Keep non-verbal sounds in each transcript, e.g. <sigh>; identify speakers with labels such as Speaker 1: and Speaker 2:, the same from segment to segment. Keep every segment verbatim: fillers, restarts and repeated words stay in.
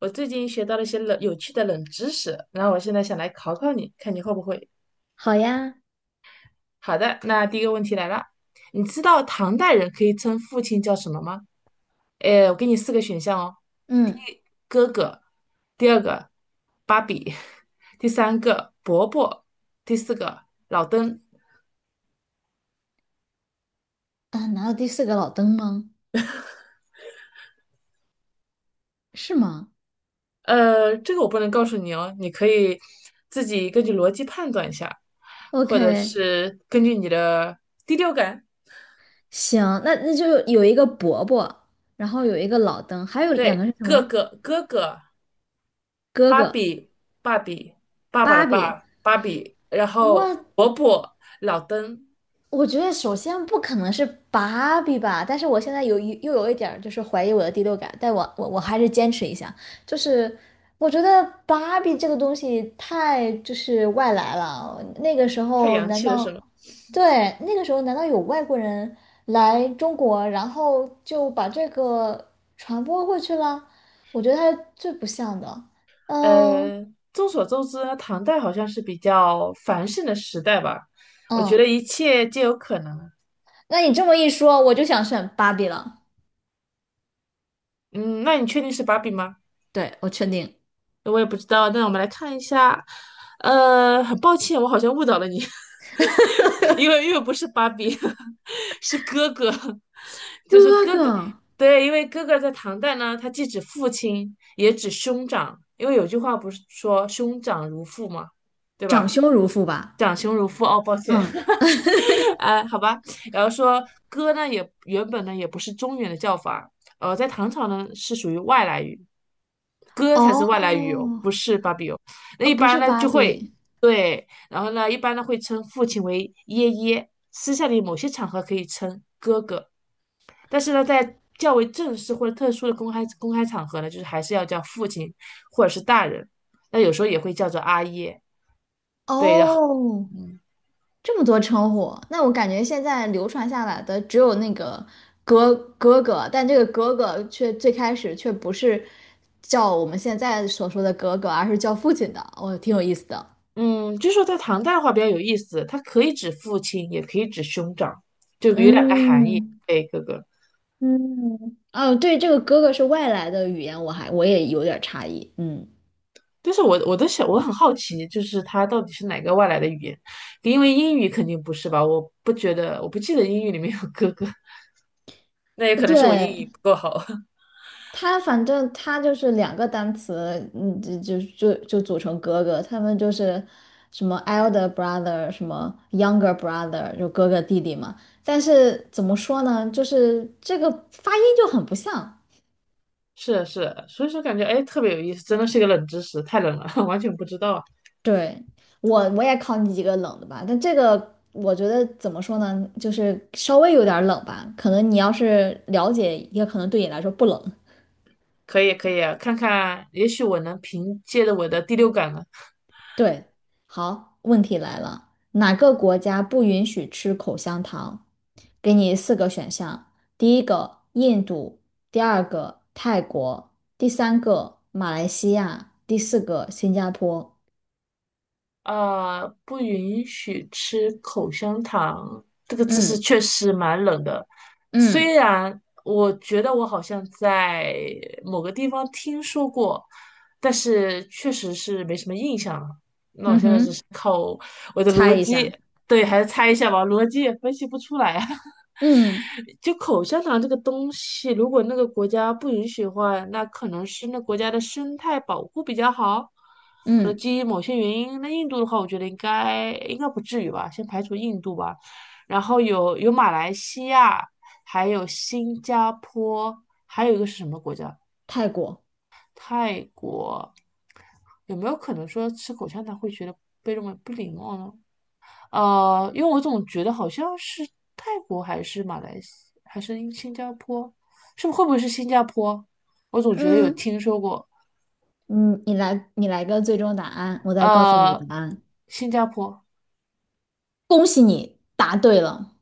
Speaker 1: 我最近学到了一些冷有趣的冷知识，然后我现在想来考考你，看你会不会。
Speaker 2: 好呀。
Speaker 1: 好的，那第一个问题来了，你知道唐代人可以称父亲叫什么吗？诶，我给你四个选项哦：
Speaker 2: 嗯。
Speaker 1: 哥哥，第二个芭比，<laughs> 第三个伯伯，第四个老登。
Speaker 2: 啊，难道第四个老登吗？是吗？
Speaker 1: 呃，这个我不能告诉你哦，你可以自己根据逻辑判断一下，或者
Speaker 2: ，OK。
Speaker 1: 是根据你的第六感。
Speaker 2: 行，那那就有一个伯伯，然后有一个老登，还有两个
Speaker 1: 对，
Speaker 2: 是什
Speaker 1: 哥
Speaker 2: 么？
Speaker 1: 哥，哥哥，
Speaker 2: 哥
Speaker 1: 芭
Speaker 2: 哥，
Speaker 1: 比，芭比，爸爸的
Speaker 2: 芭比。
Speaker 1: 爸，芭比，然后
Speaker 2: 我
Speaker 1: 伯伯，老登，
Speaker 2: 我觉得首先不可能是芭比吧，但是我现在有一又有一点儿就是怀疑我的第六感，但我我我还是坚持一下，就是我觉得芭比这个东西太就是外来了，那个时
Speaker 1: 太
Speaker 2: 候
Speaker 1: 洋
Speaker 2: 难
Speaker 1: 气了是
Speaker 2: 道
Speaker 1: 吗？
Speaker 2: 对那个时候难道有外国人来中国，然后就把这个传播过去了？我觉得它是最不像的。嗯。
Speaker 1: 呃，众所周知呢唐代好像是比较繁盛的时代吧，我觉得
Speaker 2: 嗯，
Speaker 1: 一切皆有可能。
Speaker 2: 那你这么一说，我就想选芭比了。
Speaker 1: 嗯，那你确定是芭比吗？
Speaker 2: 对，我确定。
Speaker 1: 我也不知道。那我们来看一下，呃，很抱歉，我好像误导了你，<laughs> 因为因为不是芭比，<laughs> 是哥哥，<laughs> 就是
Speaker 2: 哥
Speaker 1: 哥哥。
Speaker 2: 哥。
Speaker 1: 对，因为哥哥在唐代呢，他既指父亲，也指兄长，因为有句话不是说兄长如父嘛，对
Speaker 2: 长
Speaker 1: 吧？
Speaker 2: 兄如父吧？
Speaker 1: 长兄如父，哦，抱歉。
Speaker 2: 嗯，
Speaker 1: <laughs> 哎，好吧，然后说哥呢，也原本呢也不是中原的叫法，呃，在唐朝呢是属于外来语，哥才是外来语
Speaker 2: 哦，
Speaker 1: 哦，不是芭比哦。那
Speaker 2: 呃，
Speaker 1: 一
Speaker 2: 不
Speaker 1: 般
Speaker 2: 是
Speaker 1: 呢
Speaker 2: 芭
Speaker 1: 就会
Speaker 2: 比。
Speaker 1: 对，然后呢一般呢会称父亲为爷爷，私下里某些场合可以称哥哥，但是呢在较为正式或者特殊的公开公开场合呢，就是还是要叫父亲或者是大人，那有时候也会叫做阿爷。对，的。
Speaker 2: 哦，
Speaker 1: 嗯
Speaker 2: 这么多称呼，那我感觉现在流传下来的只有那个哥哥哥，但这个哥哥却最开始却不是叫我们现在所说的哥哥，而是叫父亲的，哦，挺有意思的。
Speaker 1: 嗯，就说在唐代的话比较有意思，它可以指父亲，也可以指兄长，就有两个含义。
Speaker 2: 嗯。
Speaker 1: 对，哥哥。
Speaker 2: 嗯，哦，对，这个哥哥是外来的语言，我还我也有点差异。嗯，
Speaker 1: 但是我我都想，我很好奇，就是它到底是哪个外来的语言？因为英语肯定不是吧？我不觉得，我不记得英语里面有哥哥，<laughs> 那也可能是我英
Speaker 2: 对，
Speaker 1: 语不够好。<laughs>
Speaker 2: 他反正他就是两个单词，嗯，就就就就组成哥哥，他们就是什么 elder brother，什么 younger brother，就哥哥弟弟嘛。但是怎么说呢，就是这个发音就很不像。
Speaker 1: 是啊是啊，所以说感觉哎特别有意思，真的是一个冷知识，太冷了，<laughs> 完全不知道啊。
Speaker 2: 对，我我也考你几个冷的吧，但这个我觉得怎么说呢，就是稍微有点儿冷吧，可能你要是了解，也可能对你来说不冷。
Speaker 1: 可以可以啊，看看，也许我能凭借着我的第六感呢，
Speaker 2: 对，好，问题来了，哪个国家不允许吃口香糖？给你四个选项，第一个印度，第二个泰国，第三个马来西亚，第四个新加坡。
Speaker 1: 呃，不允许吃口香糖，这个知识
Speaker 2: 嗯。
Speaker 1: 确实蛮冷的。虽
Speaker 2: 嗯。
Speaker 1: 然我觉得我好像在某个地方听说过，但是确实是没什么印象了。那我
Speaker 2: 嗯
Speaker 1: 现在只
Speaker 2: 哼，
Speaker 1: 是靠我的逻
Speaker 2: 猜一
Speaker 1: 辑，
Speaker 2: 下。
Speaker 1: 对，还是猜一下吧，逻辑也分析不出来啊。<laughs>
Speaker 2: 嗯。
Speaker 1: 就口香糖这个东西，如果那个国家不允许的话，那可能是那国家的生态保护比较好，可能
Speaker 2: 嗯，
Speaker 1: 基于某些原因。那印度的话，我觉得应该应该不至于吧，先排除印度吧。然后有有马来西亚，还有新加坡，还有一个是什么国家？
Speaker 2: 泰国。
Speaker 1: 泰国。有没有可能说吃口香糖会觉得被认为不礼貌呢？呃，因为我总觉得好像是泰国还是马来西还是英新加坡，是不会不会是新加坡？我总觉得有
Speaker 2: 嗯。
Speaker 1: 听说过，
Speaker 2: 嗯，你来，你来个最终答案，我再告诉你
Speaker 1: 呃，
Speaker 2: 答案。
Speaker 1: 新加坡。
Speaker 2: 恭喜你答对了。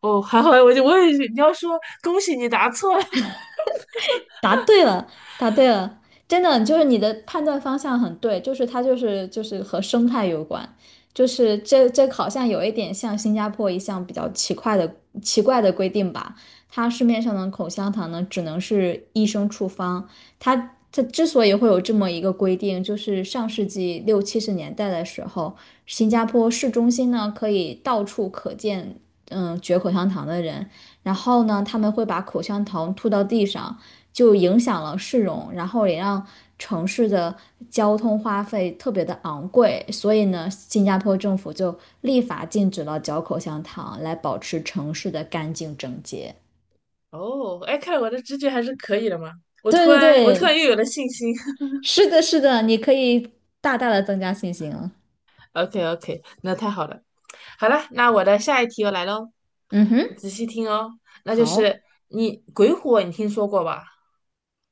Speaker 1: 哦，<laughs> 还好，我就我也是你要说恭喜你答错了。
Speaker 2: 答对了，答对了，真的就是你的判断方向很对，就是它就是就是和生态有关，就是这这好像有一点像新加坡一项比较奇怪的奇怪的规定吧，它市面上的口香糖呢只能是医生处方，它它之所以会有这么一个规定，就是上世纪六七十年代的时候，新加坡市中心呢可以到处可见嗯嚼口香糖的人。然后呢，他们会把口香糖吐到地上，就影响了市容，然后也让城市的交通花费特别的昂贵。所以呢，新加坡政府就立法禁止了嚼口香糖，来保持城市的干净整洁。
Speaker 1: <laughs> 哦，哎，看来我的直觉还是可以的嘛。我
Speaker 2: 对
Speaker 1: 突
Speaker 2: 对
Speaker 1: 然我突然
Speaker 2: 对，
Speaker 1: 又有了信心。<laughs>
Speaker 2: 是的，是的，你可以大大的增加信心了。
Speaker 1: OK OK,那太好了。好了，那我的下一题又来喽，
Speaker 2: 嗯哼。
Speaker 1: 仔细听哦。那就
Speaker 2: 好。
Speaker 1: 是你鬼火，你听说过吧？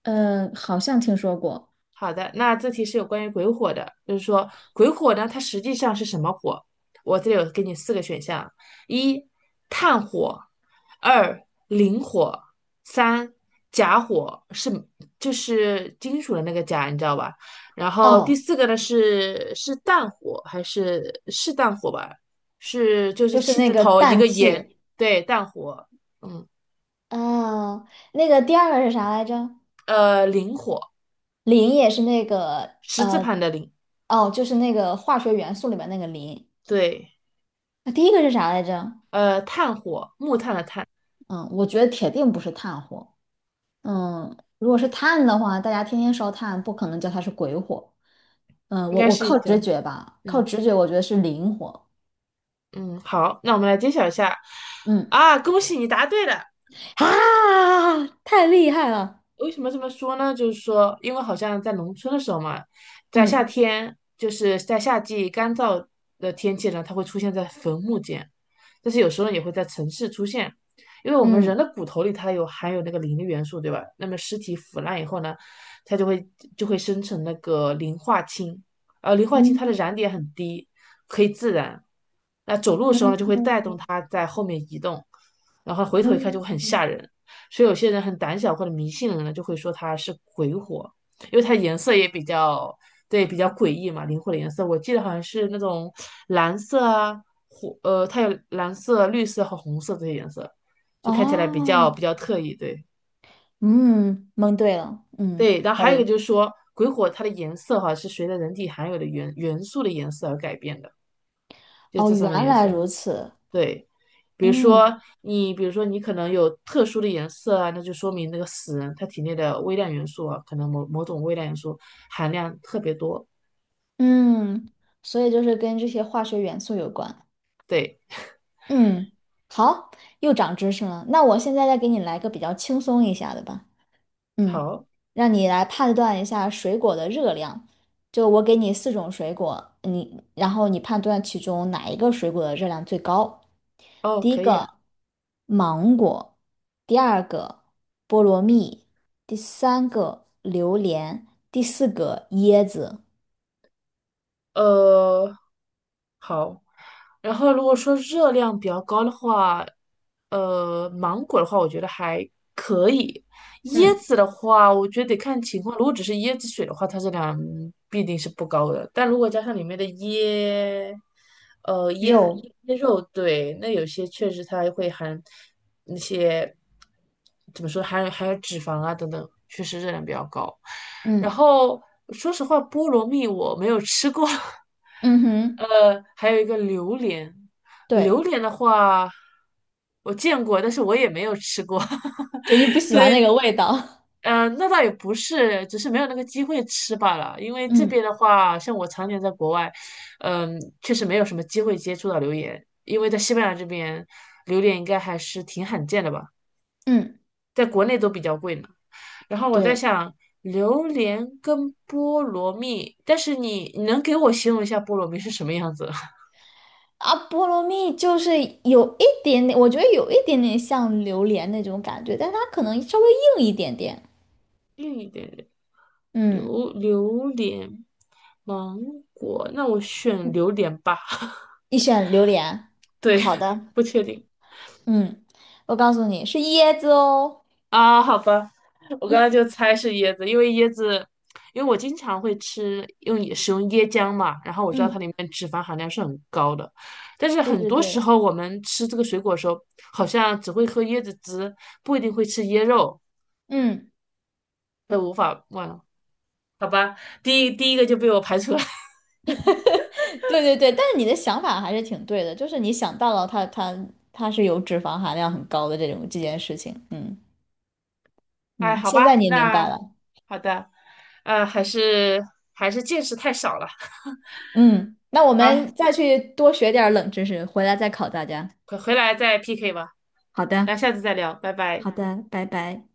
Speaker 2: 嗯，好像听说过。
Speaker 1: 好的，那这题是有关于鬼火的，就是说鬼火呢，它实际上是什么火？我这里有给你四个选项：一、炭火；二、磷火；三、甲火，是就是金属的那个甲，你知道吧？然后第
Speaker 2: 哦，
Speaker 1: 四个呢是是氮火还是是氮火吧？是就是
Speaker 2: 就是
Speaker 1: 气
Speaker 2: 那
Speaker 1: 字
Speaker 2: 个
Speaker 1: 头一个
Speaker 2: 氮
Speaker 1: 炎，
Speaker 2: 气。
Speaker 1: 对，氮火，嗯，
Speaker 2: 哦，那个第二个是啥来着？
Speaker 1: 呃，磷火，
Speaker 2: 磷也是那个
Speaker 1: 十字
Speaker 2: 呃。
Speaker 1: 旁的磷，
Speaker 2: 哦，就是那个化学元素里面那个磷。
Speaker 1: 对，
Speaker 2: 那第一个是啥来着？
Speaker 1: 呃，炭火，木炭的炭。
Speaker 2: 嗯，我觉得铁定不是炭火。嗯，如果是炭的话，大家天天烧炭，不可能叫它是鬼火。嗯，
Speaker 1: 应
Speaker 2: 我
Speaker 1: 该
Speaker 2: 我
Speaker 1: 是一
Speaker 2: 靠直
Speaker 1: 个，
Speaker 2: 觉吧，靠
Speaker 1: 嗯
Speaker 2: 直觉，我觉得是磷火。
Speaker 1: 嗯，好，那我们来揭晓一下。
Speaker 2: 嗯。
Speaker 1: 啊，恭喜你答对了，
Speaker 2: 啊，太厉害了。
Speaker 1: 为什么这么说呢？就是说，因为好像在农村的时候嘛，在夏
Speaker 2: 嗯。
Speaker 1: 天，就是在夏季干燥的天气呢，它会出现在坟墓间，但是有时候也会在城市出现，因为我们
Speaker 2: 嗯。
Speaker 1: 人的骨头里它有含有那个磷的元素，对吧？那么尸体腐烂以后呢，它就会就会生成那个磷化氢，而磷化氢它的
Speaker 2: 嗯。
Speaker 1: 燃点很低，可以自燃。那走路的时候
Speaker 2: 嗯。
Speaker 1: 呢，就会带动它在后面移动，然后回头一看就
Speaker 2: 嗯。
Speaker 1: 会很吓
Speaker 2: 嗯。
Speaker 1: 人。所以有些人很胆小或者迷信的人呢，就会说它是鬼火，因为它颜色也比较对比较诡异嘛，灵火的颜色，我记得好像是那种蓝色啊，火呃，它有蓝色、绿色和红色这些颜色，就看起来比较
Speaker 2: 哦。
Speaker 1: 比较特异，对
Speaker 2: 嗯，蒙对了，嗯，
Speaker 1: 对。然后
Speaker 2: 可
Speaker 1: 还有一个
Speaker 2: 以。
Speaker 1: 就是说，鬼火它的颜色哈、是随着人体含有的元元素的颜色而改变的，就
Speaker 2: 哦，
Speaker 1: 这三
Speaker 2: 原
Speaker 1: 种颜
Speaker 2: 来
Speaker 1: 色。
Speaker 2: 如此。
Speaker 1: 对，比如
Speaker 2: 嗯。
Speaker 1: 说你，比如说你可能有特殊的颜色啊，那就说明那个死人他体内的微量元素啊，可能某某种微量元素含量特别多。
Speaker 2: 嗯，所以就是跟这些化学元素有关。
Speaker 1: 对，
Speaker 2: 嗯，好，又长知识了。那我现在再给你来个比较轻松一下的吧。嗯。
Speaker 1: 好，
Speaker 2: 让你来判断一下水果的热量。就我给你四种水果，你然后你判断其中哪一个水果的热量最高。
Speaker 1: 哦，
Speaker 2: 第一
Speaker 1: 可以啊，
Speaker 2: 个芒果，第二个菠萝蜜，第三个榴莲，第四个椰子。
Speaker 1: 呃，好，然后如果说热量比较高的话，呃，芒果的话，我觉得还可以。椰
Speaker 2: 嗯，
Speaker 1: 子的话，我觉得得看情况。如果只是椰子水的话，它热量必定是不高的。但如果加上里面的椰，呃，椰
Speaker 2: 肉。
Speaker 1: 椰椰肉，对，那有些确实它会含那些怎么说，含有含有脂肪啊等等，确实热量比较高。然
Speaker 2: 嗯。
Speaker 1: 后说实话，菠萝蜜我没有吃过。<laughs>
Speaker 2: 嗯哼，
Speaker 1: 呃，还有一个榴莲，榴
Speaker 2: 对，
Speaker 1: 莲的话，我见过，但是我也没有吃过，<laughs>
Speaker 2: 就你不喜
Speaker 1: 所
Speaker 2: 欢
Speaker 1: 以，
Speaker 2: 那个味道。
Speaker 1: 嗯，那倒也不是，只是没有那个机会吃罢了。因为
Speaker 2: <laughs>
Speaker 1: 这边
Speaker 2: 嗯。
Speaker 1: 的话，像我常年在国外，嗯、确实没有什么机会接触到榴莲，因为在西班牙这边，榴莲应该还是挺罕见的吧，
Speaker 2: 嗯，
Speaker 1: 在国内都比较贵呢。然后我在
Speaker 2: 对。
Speaker 1: 想，榴莲跟菠萝蜜，但是你你能给我形容一下菠萝蜜是什么样子？<laughs>
Speaker 2: 啊，菠萝蜜就是有一点点，我觉得有一点点像榴莲那种感觉，但它可能稍微硬一点点。
Speaker 1: 硬一点点。
Speaker 2: 嗯，
Speaker 1: 榴榴莲、芒果，那我选榴莲吧。<laughs>
Speaker 2: 你选榴莲。
Speaker 1: 对，
Speaker 2: 好
Speaker 1: <laughs>
Speaker 2: 的，
Speaker 1: 不确定
Speaker 2: 嗯，我告诉你是椰子哦。
Speaker 1: 啊，好吧，我刚才就猜是椰子，因为椰子，因为我经常会吃用也使用椰浆嘛，然后我知道它
Speaker 2: 嗯，
Speaker 1: 里面脂肪含量是很高的，但是
Speaker 2: 对
Speaker 1: 很
Speaker 2: 对
Speaker 1: 多时
Speaker 2: 对，
Speaker 1: 候我们吃这个水果的时候，好像只会喝椰子汁，不一定会吃椰肉，
Speaker 2: 嗯，
Speaker 1: 那无法忘了，好吧，第一第一个就被我排除了。<laughs>
Speaker 2: <laughs> 对对对，但是你的想法还是挺对的，就是你想到了它它它是有脂肪含量很高的这种这件事情。嗯。
Speaker 1: 哎，
Speaker 2: 嗯，
Speaker 1: 好
Speaker 2: 现在
Speaker 1: 吧，
Speaker 2: 你也明白
Speaker 1: 那
Speaker 2: 了。
Speaker 1: 好的，呃，还是还是见识太少了
Speaker 2: 嗯，那我
Speaker 1: 啊，
Speaker 2: 们再去多学点儿冷知识，回来再考大家。
Speaker 1: 回回来再 P K 吧，
Speaker 2: 好
Speaker 1: 那
Speaker 2: 的，
Speaker 1: 下次再聊，拜拜。
Speaker 2: 好的，拜拜。